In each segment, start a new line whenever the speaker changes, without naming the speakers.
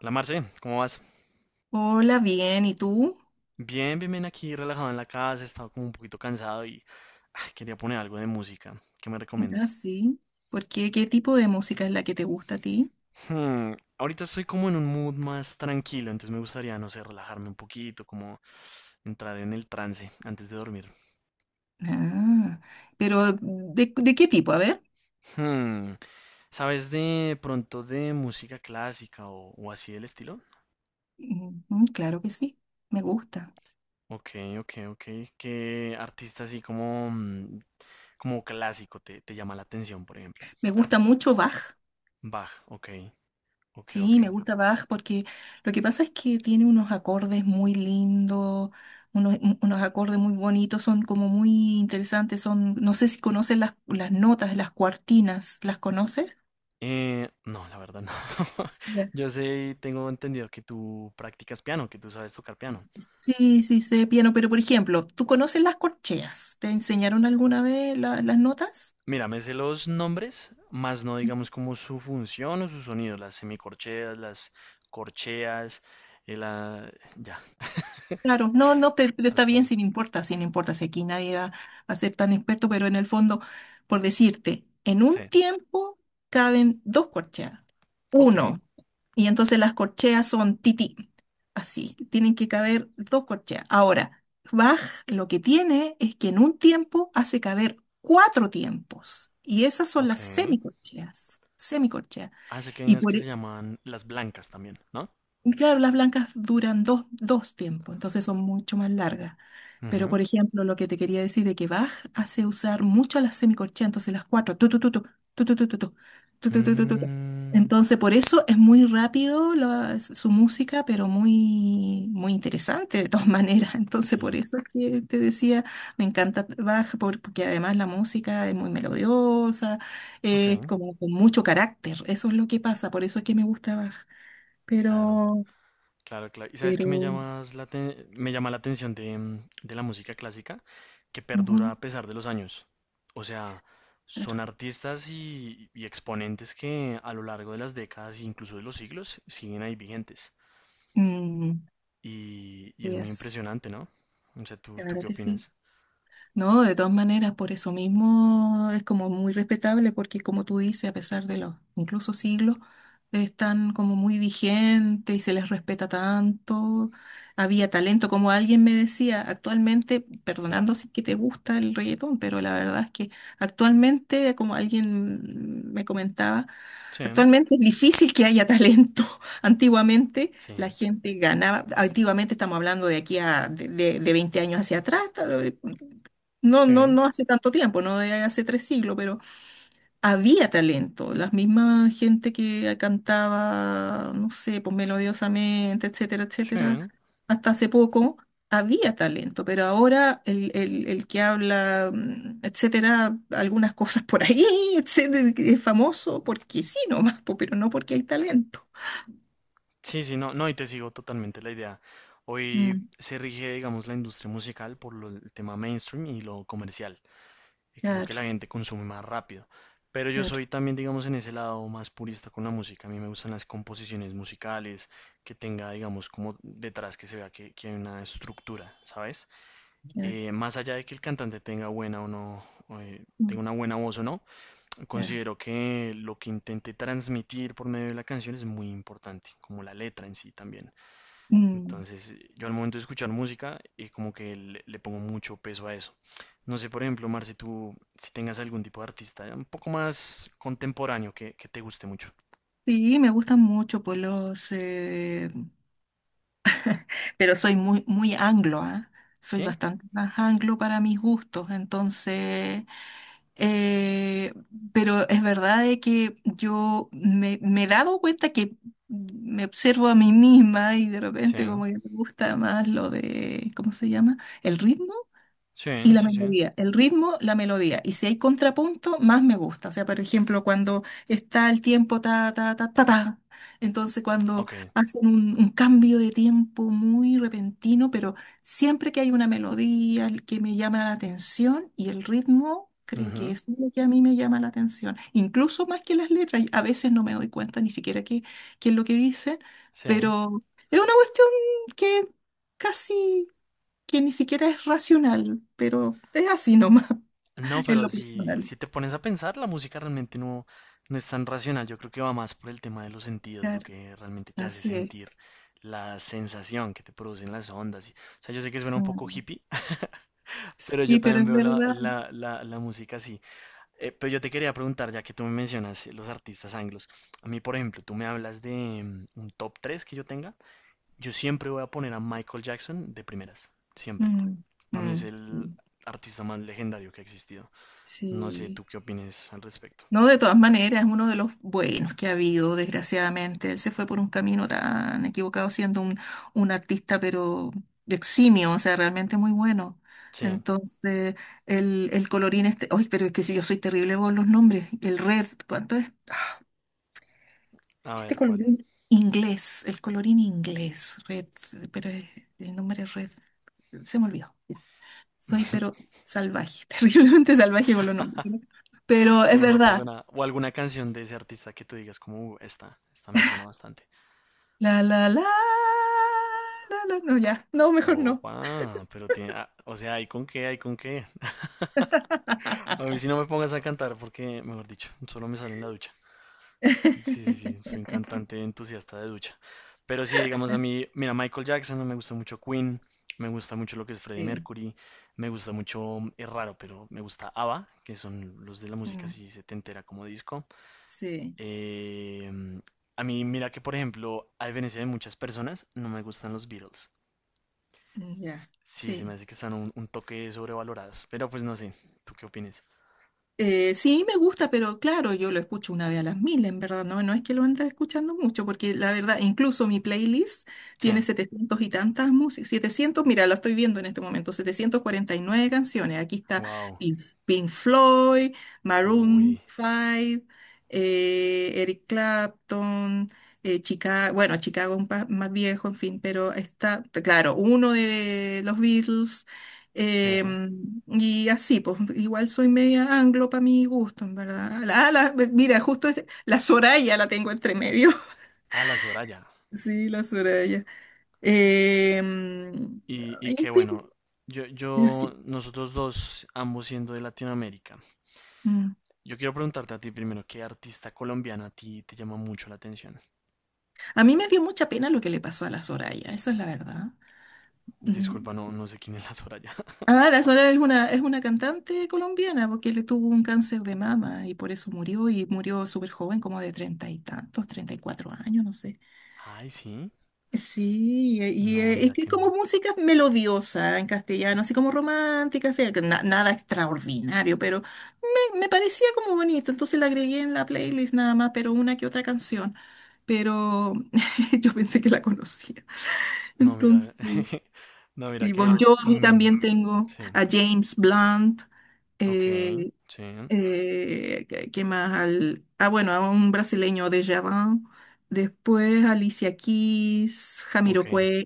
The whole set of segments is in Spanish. Hola Marce, ¿cómo vas?
Hola, bien, ¿y tú?
Bien, bien, bien aquí, relajado en la casa, estaba como un poquito cansado y ay, quería poner algo de música. ¿Qué me
Ah,
recomiendas?
sí. ¿Por qué? ¿Qué tipo de música es la que te gusta a ti?
Ahorita estoy como en un mood más tranquilo, entonces me gustaría, no sé, relajarme un poquito, como entrar en el trance antes de dormir.
Ah, pero ¿de qué tipo? A ver.
Hmm, ¿Sabes de pronto de música clásica o así del estilo?
Ujú, claro que sí, me gusta.
Ok, ok, ok. ¿Qué artista así como, como clásico te llama la atención, por ejemplo?
Me gusta mucho Bach.
Bach, ok, ok, ok.
Sí, me gusta Bach porque lo que pasa es que tiene unos acordes muy lindos, unos acordes muy bonitos, son como muy interesantes, son, no sé si conoces las notas, las cuartinas, ¿las conoces?
No, la verdad no. Yo sé y tengo entendido que tú practicas piano, que tú sabes tocar piano.
Sí, sí, sé piano, pero por ejemplo, ¿tú conoces las corcheas? ¿Te enseñaron alguna vez las notas?
Mira, me sé los nombres, más no digamos como su función o su sonido, las semicorcheas, las corcheas, eh, la... ya.
Claro, no, no, pero está
Hasta
bien
ahí.
si no importa, si aquí nadie va a ser tan experto, pero en el fondo, por decirte, en
Sí,
un tiempo caben dos corcheas,
ok,
uno, y entonces las corcheas son tití, así, tienen que caber dos corcheas. Ahora, Bach lo que tiene es que en un tiempo hace caber cuatro tiempos, y esas son las
ok.
semicorcheas, semicorcheas.
Ah, sé que hay
Y
unas
por,
que se
e
llaman las blancas también, ¿no?
y Claro, las blancas duran dos tiempos, entonces son mucho más largas. Pero,
Ujú.
por ejemplo, lo que te quería decir de que Bach hace usar mucho las semicorcheas, entonces las cuatro, tu, tu, tu, tu, tu, tu, tu, tu, tu, tu, tu, tu, tu, tu, tu.
Mm,
Entonces, por eso es muy rápido su música, pero muy, muy interesante de todas maneras. Entonces, por
sí,
eso es que te decía, me encanta Bach, porque además la música es muy melodiosa, es
ok,
como con mucho carácter. Eso es lo que pasa, por eso es que me gusta Bach.
claro.
Pero
Claro, claro. ¿Y sabes qué
pero
me llama la atención de, de la música clásica? Que
Ujú,
perdura a pesar de los años. O sea, son
claro.
artistas y exponentes que a lo largo de las décadas e incluso de los siglos siguen ahí vigentes.
Mm,
Y es muy
yes,
impresionante, ¿no? O sea, ¿tú
claro
qué
que sí.
opinas?
No, de todas maneras, por eso mismo es como muy respetable porque como tú dices, a pesar de los incluso siglos, están como muy vigentes y se les respeta tanto. Había talento, como alguien me decía, actualmente,
Sí.
perdonando si es que te gusta el reggaetón, pero la verdad es que actualmente, como alguien me comentaba,
Sí,
actualmente es difícil que haya talento. Antiguamente
sí,
la gente ganaba, antiguamente estamos hablando de aquí a de 20 años hacia atrás, no, no,
sí,
no hace tanto tiempo, no de hace tres siglos, pero había talento, la misma gente que cantaba, no sé, pues melodiosamente, etcétera, etcétera,
sí.
hasta hace poco había talento, pero ahora el que habla, etcétera, algunas cosas por ahí, etcétera, que es famoso porque sí nomás, po, pero no porque hay talento.
Sí, sí, no, no, y te sigo totalmente la idea. Hoy
Mm,
se rige, digamos, la industria musical por el tema mainstream y lo comercial. Y que es lo que la
claro,
gente consume más rápido. Pero yo
claro,
soy también, digamos, en ese lado más purista con la música. A mí me gustan las composiciones musicales, que tenga, digamos, como detrás que se vea que hay una estructura, ¿sabes?
claro,
Más allá de que el cantante tenga buena o no, o,
mm,
tenga una buena voz o no,
claro.
considero que lo que intente transmitir por medio de la canción es muy importante, como la letra en sí también.
Mm.
Entonces, yo al momento de escuchar música, como que le pongo mucho peso a eso. No sé, por ejemplo, Marce, tú, si tengas algún tipo de artista un poco más contemporáneo que te guste mucho.
Sí, me gustan mucho pues los pero soy muy, muy anglo, ¿ah? Soy
¿Sí?
bastante más anglo para mis gustos, entonces, eh, pero es verdad de que yo me he dado cuenta que me observo a mí misma y de
Sí,
repente como que me gusta más lo de, ¿cómo se llama? El ritmo.
sí,
Y la
sí, sí.
melodía, el ritmo, la melodía. Y si hay contrapunto, más me gusta. O sea, por ejemplo, cuando está el tiempo ta, ta, ta, ta, ta. Entonces, cuando
Ok.
hacen un cambio de tiempo muy repentino, pero siempre que hay una melodía el que me llama la atención y el ritmo, creo que
Ujú,
es lo que a mí me llama la atención. Incluso más que las letras. A veces no me doy cuenta ni siquiera qué es lo que dicen,
sí.
pero es una cuestión que casi que ni siquiera es racional, pero es así nomás,
No,
en
pero
lo
si,
personal.
si te pones a pensar, la música realmente no, no es tan racional. Yo creo que va más por el tema de los sentidos, lo
Claro,
que realmente te hace
así
sentir,
es.
la sensación que te producen las ondas. O sea, yo sé que suena un poco
Mm.
hippie, pero yo
Y pero
también
es
veo la,
verdad.
la, la, la música así. Pero yo te quería preguntar, ya que tú me mencionas los artistas anglos, a mí, por ejemplo, tú me hablas de un top 3 que yo tenga, yo siempre voy a poner a Michael Jackson de primeras, siempre.
Mm,
Para mí es
mm,
el
mm.
artista más legendario que ha existido. No sé
Sí.
tú qué opinas al respecto.
No, de todas maneras, es uno de los buenos que ha habido, desgraciadamente. Él se fue por un camino tan equivocado siendo un artista, pero eximio, o sea, realmente muy bueno.
Sí,
Entonces, el colorín este, ay, pero es que si yo soy terrible con los nombres, el Red, ¿cuánto es?
a
Este
ver cuál.
colorín inglés, el colorín inglés, red, pero el nombre es red, se me olvidó. Ya. Soy pero salvaje, terriblemente salvaje con los nombres. ¿No? Pero es
Bueno, no pasa
verdad.
nada. O alguna canción de ese artista que tú digas como, esta, esta me suena bastante".
La, la, la, la, no, ya. No, mejor no.
Opa, pero tiene, ah, o sea, hay con qué, hay con qué. A mí si no me pongas a cantar porque, mejor dicho, solo me sale en la ducha. Sí, sí, sí, soy un cantante entusiasta de ducha. Pero sí, digamos a mí, mira, Michael Jackson, me gusta mucho Queen, me gusta mucho lo que es Freddie
Sí,
Mercury, me gusta mucho, es raro, pero me gusta ABBA, que son los de la música
mm,
así setentera como disco.
sí,
Eh, a mí, mira que por ejemplo, a diferencia de muchas personas, no me gustan los Beatles.
mm, ya,
Sí, se me
sí.
hace que están un toque sobrevalorados, pero pues no sé, ¿tú qué opinas?
Sí, me gusta, pero claro, yo lo escucho una vez a las mil, en verdad, no, no es que lo ande escuchando mucho, porque la verdad, incluso mi playlist
Sí,
tiene 700 y tantas músicas, 700, mira, lo estoy viendo en este momento, 749 canciones, aquí está
wow,
Pink, Pink Floyd,
uy.
Maroon 5, Eric Clapton, Chicago, bueno, Chicago un más viejo, en fin, pero está, claro, uno de los Beatles,
Sí,
Y así, pues igual soy media anglo para mi gusto, en verdad. Mira, la Soraya la tengo entre medio.
a la Soraya.
Sí, la Soraya. Em,
Y
en
que
fin,
bueno,
así.
nosotros dos, ambos siendo de Latinoamérica,
Mm.
yo quiero preguntarte a ti primero, ¿qué artista colombiana a ti te llama mucho la atención?
A mí me dio mucha pena lo que le pasó a la Soraya, esa es la verdad. Mm.
Disculpa, no, no sé quién es la Soraya.
Ah, la Soraya es una, cantante colombiana porque le tuvo un cáncer de mama y por eso murió y murió súper joven, como de treinta y tantos, 34 años, no sé.
Ay, sí.
Sí, y
No,
es
mira
que
que
como
no.
música melodiosa en castellano, así como romántica, así, que nada extraordinario, pero me parecía como bonito, entonces la agregué en la playlist nada más, pero una que otra canción, pero yo pensé que la conocía.
No, mira.
Entonces,
No, mira
sí, Bon Ah,
que.
Jovi también tengo,
Sí.
a James Blunt,
Ok,
eh,
sí.
¿qué más? Bueno, a un brasileño de Javan. Después Alicia Keys,
Ok,
Jamiroquai.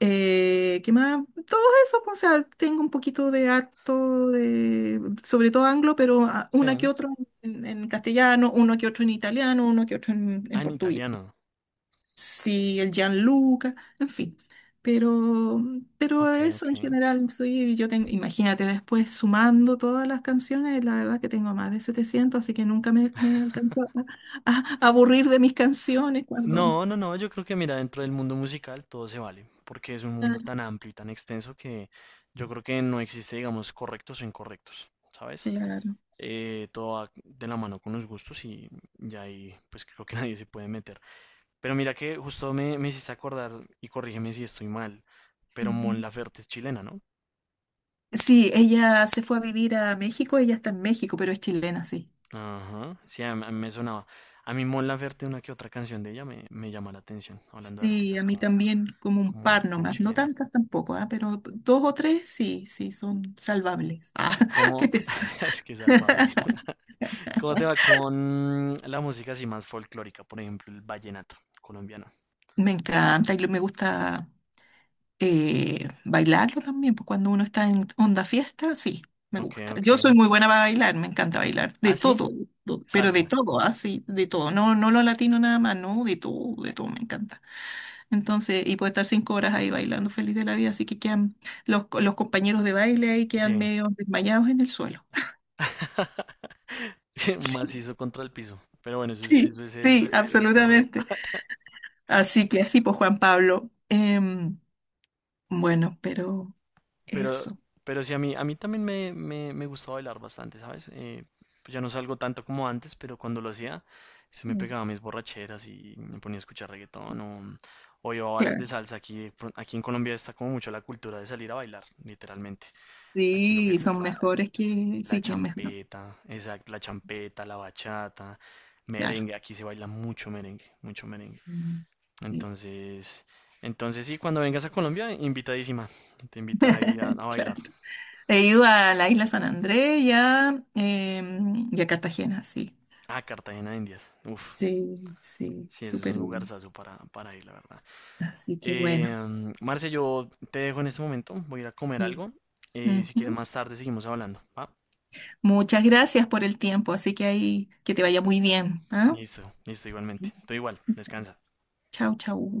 ¿Qué más? Todo eso, pues, o sea, tengo un poquito de harto, de, sobre todo anglo, pero una que
sí.
otro en, castellano, uno que otro en italiano, uno que otro en,
Ah, en
portugués.
italiano.
Sí, el Gianluca, en fin. Pero, pero
Ok,
eso
ok.
en general, soy, yo tengo, imagínate, después sumando todas las canciones, la verdad que tengo más de 700 así que nunca me alcanzó a, a aburrir de mis canciones cuando...
No, no, no, yo creo que mira, dentro del mundo musical todo se vale, porque es un mundo
Claro,
tan amplio y tan extenso que yo creo que no existe, digamos, correctos o incorrectos, ¿sabes?
claro.
Todo va de la mano con los gustos y ya ahí pues creo que nadie se puede meter. Pero mira que justo me hiciste acordar, y corrígeme si estoy mal, pero Mon
Ujú.
Laferte es chilena, ¿no?
Sí, ella se fue a vivir a México, ella está en México, pero es chilena, sí.
Ajá, sí, a mí me sonaba. A mí Mon Laferte, una que otra canción de ella me llama la atención, hablando de
Sí, a
artistas
mí también como un par
como
nomás, no
chilenos.
tantas tampoco, pero dos o tres sí, sí, son salvables. Ah,
¿Y
qué
cómo?
pesar.
Es que es salvable. ¿Cómo te va con la música así más folclórica? Por ejemplo, el vallenato colombiano.
Me encanta y me gusta bailarlo también, pues cuando uno está en onda fiesta, sí, me
Ok,
gusta. Yo soy
ok.
muy buena para bailar, me encanta bailar, de
¿Ah, sí?
todo, pero de
Salsa.
todo, así, de todo. No, no lo latino nada más, no, de todo, me encanta. Entonces, y puedo estar 5 horas ahí bailando feliz de la vida, así que quedan los compañeros de baile ahí quedan
Sí.
medio desmayados en el suelo. Sí,
Macizo contra el piso. Pero bueno, eso es
sí,
el perreo.
absolutamente. Así que así, pues Juan Pablo. Bueno, pero
Pero,
eso.
pero sí, a mí también me gustaba bailar bastante, ¿sabes? Pues ya no salgo tanto como antes, pero cuando lo hacía, se me
em,
pegaba mis borracheras y me ponía a escuchar reggaetón o iba a bares de
claro.
salsa. Aquí, aquí en Colombia está como mucho la cultura de salir a bailar, literalmente. Aquí lo que
Sí,
está es
son mejores que...
la
Sí, que mejor.
champeta, exacto, la champeta, la bachata,
Claro.
merengue. Aquí se baila mucho merengue, mucho merengue.
Mm. Sí.
Entonces, entonces sí, cuando vengas a Colombia, invitadísima. Te invito ahí a
Claro.
bailar.
He ido a la isla San Andrés y a Cartagena, sí.
Ah, Cartagena de Indias. Uf,
Sí, sí,
sí, ese es un
súper bien.
lugarzazo para ir, la verdad.
Así que bueno,
Marce, yo te dejo en este momento. Voy a ir a comer
sí.
algo. Y si quieres
Ujú.
más tarde seguimos hablando. ¿Va?
Muchas gracias por el tiempo, así que ahí que te vaya muy bien, ¿ah?
Listo, listo, igualmente. Tú igual, descansa.
Chau, chau.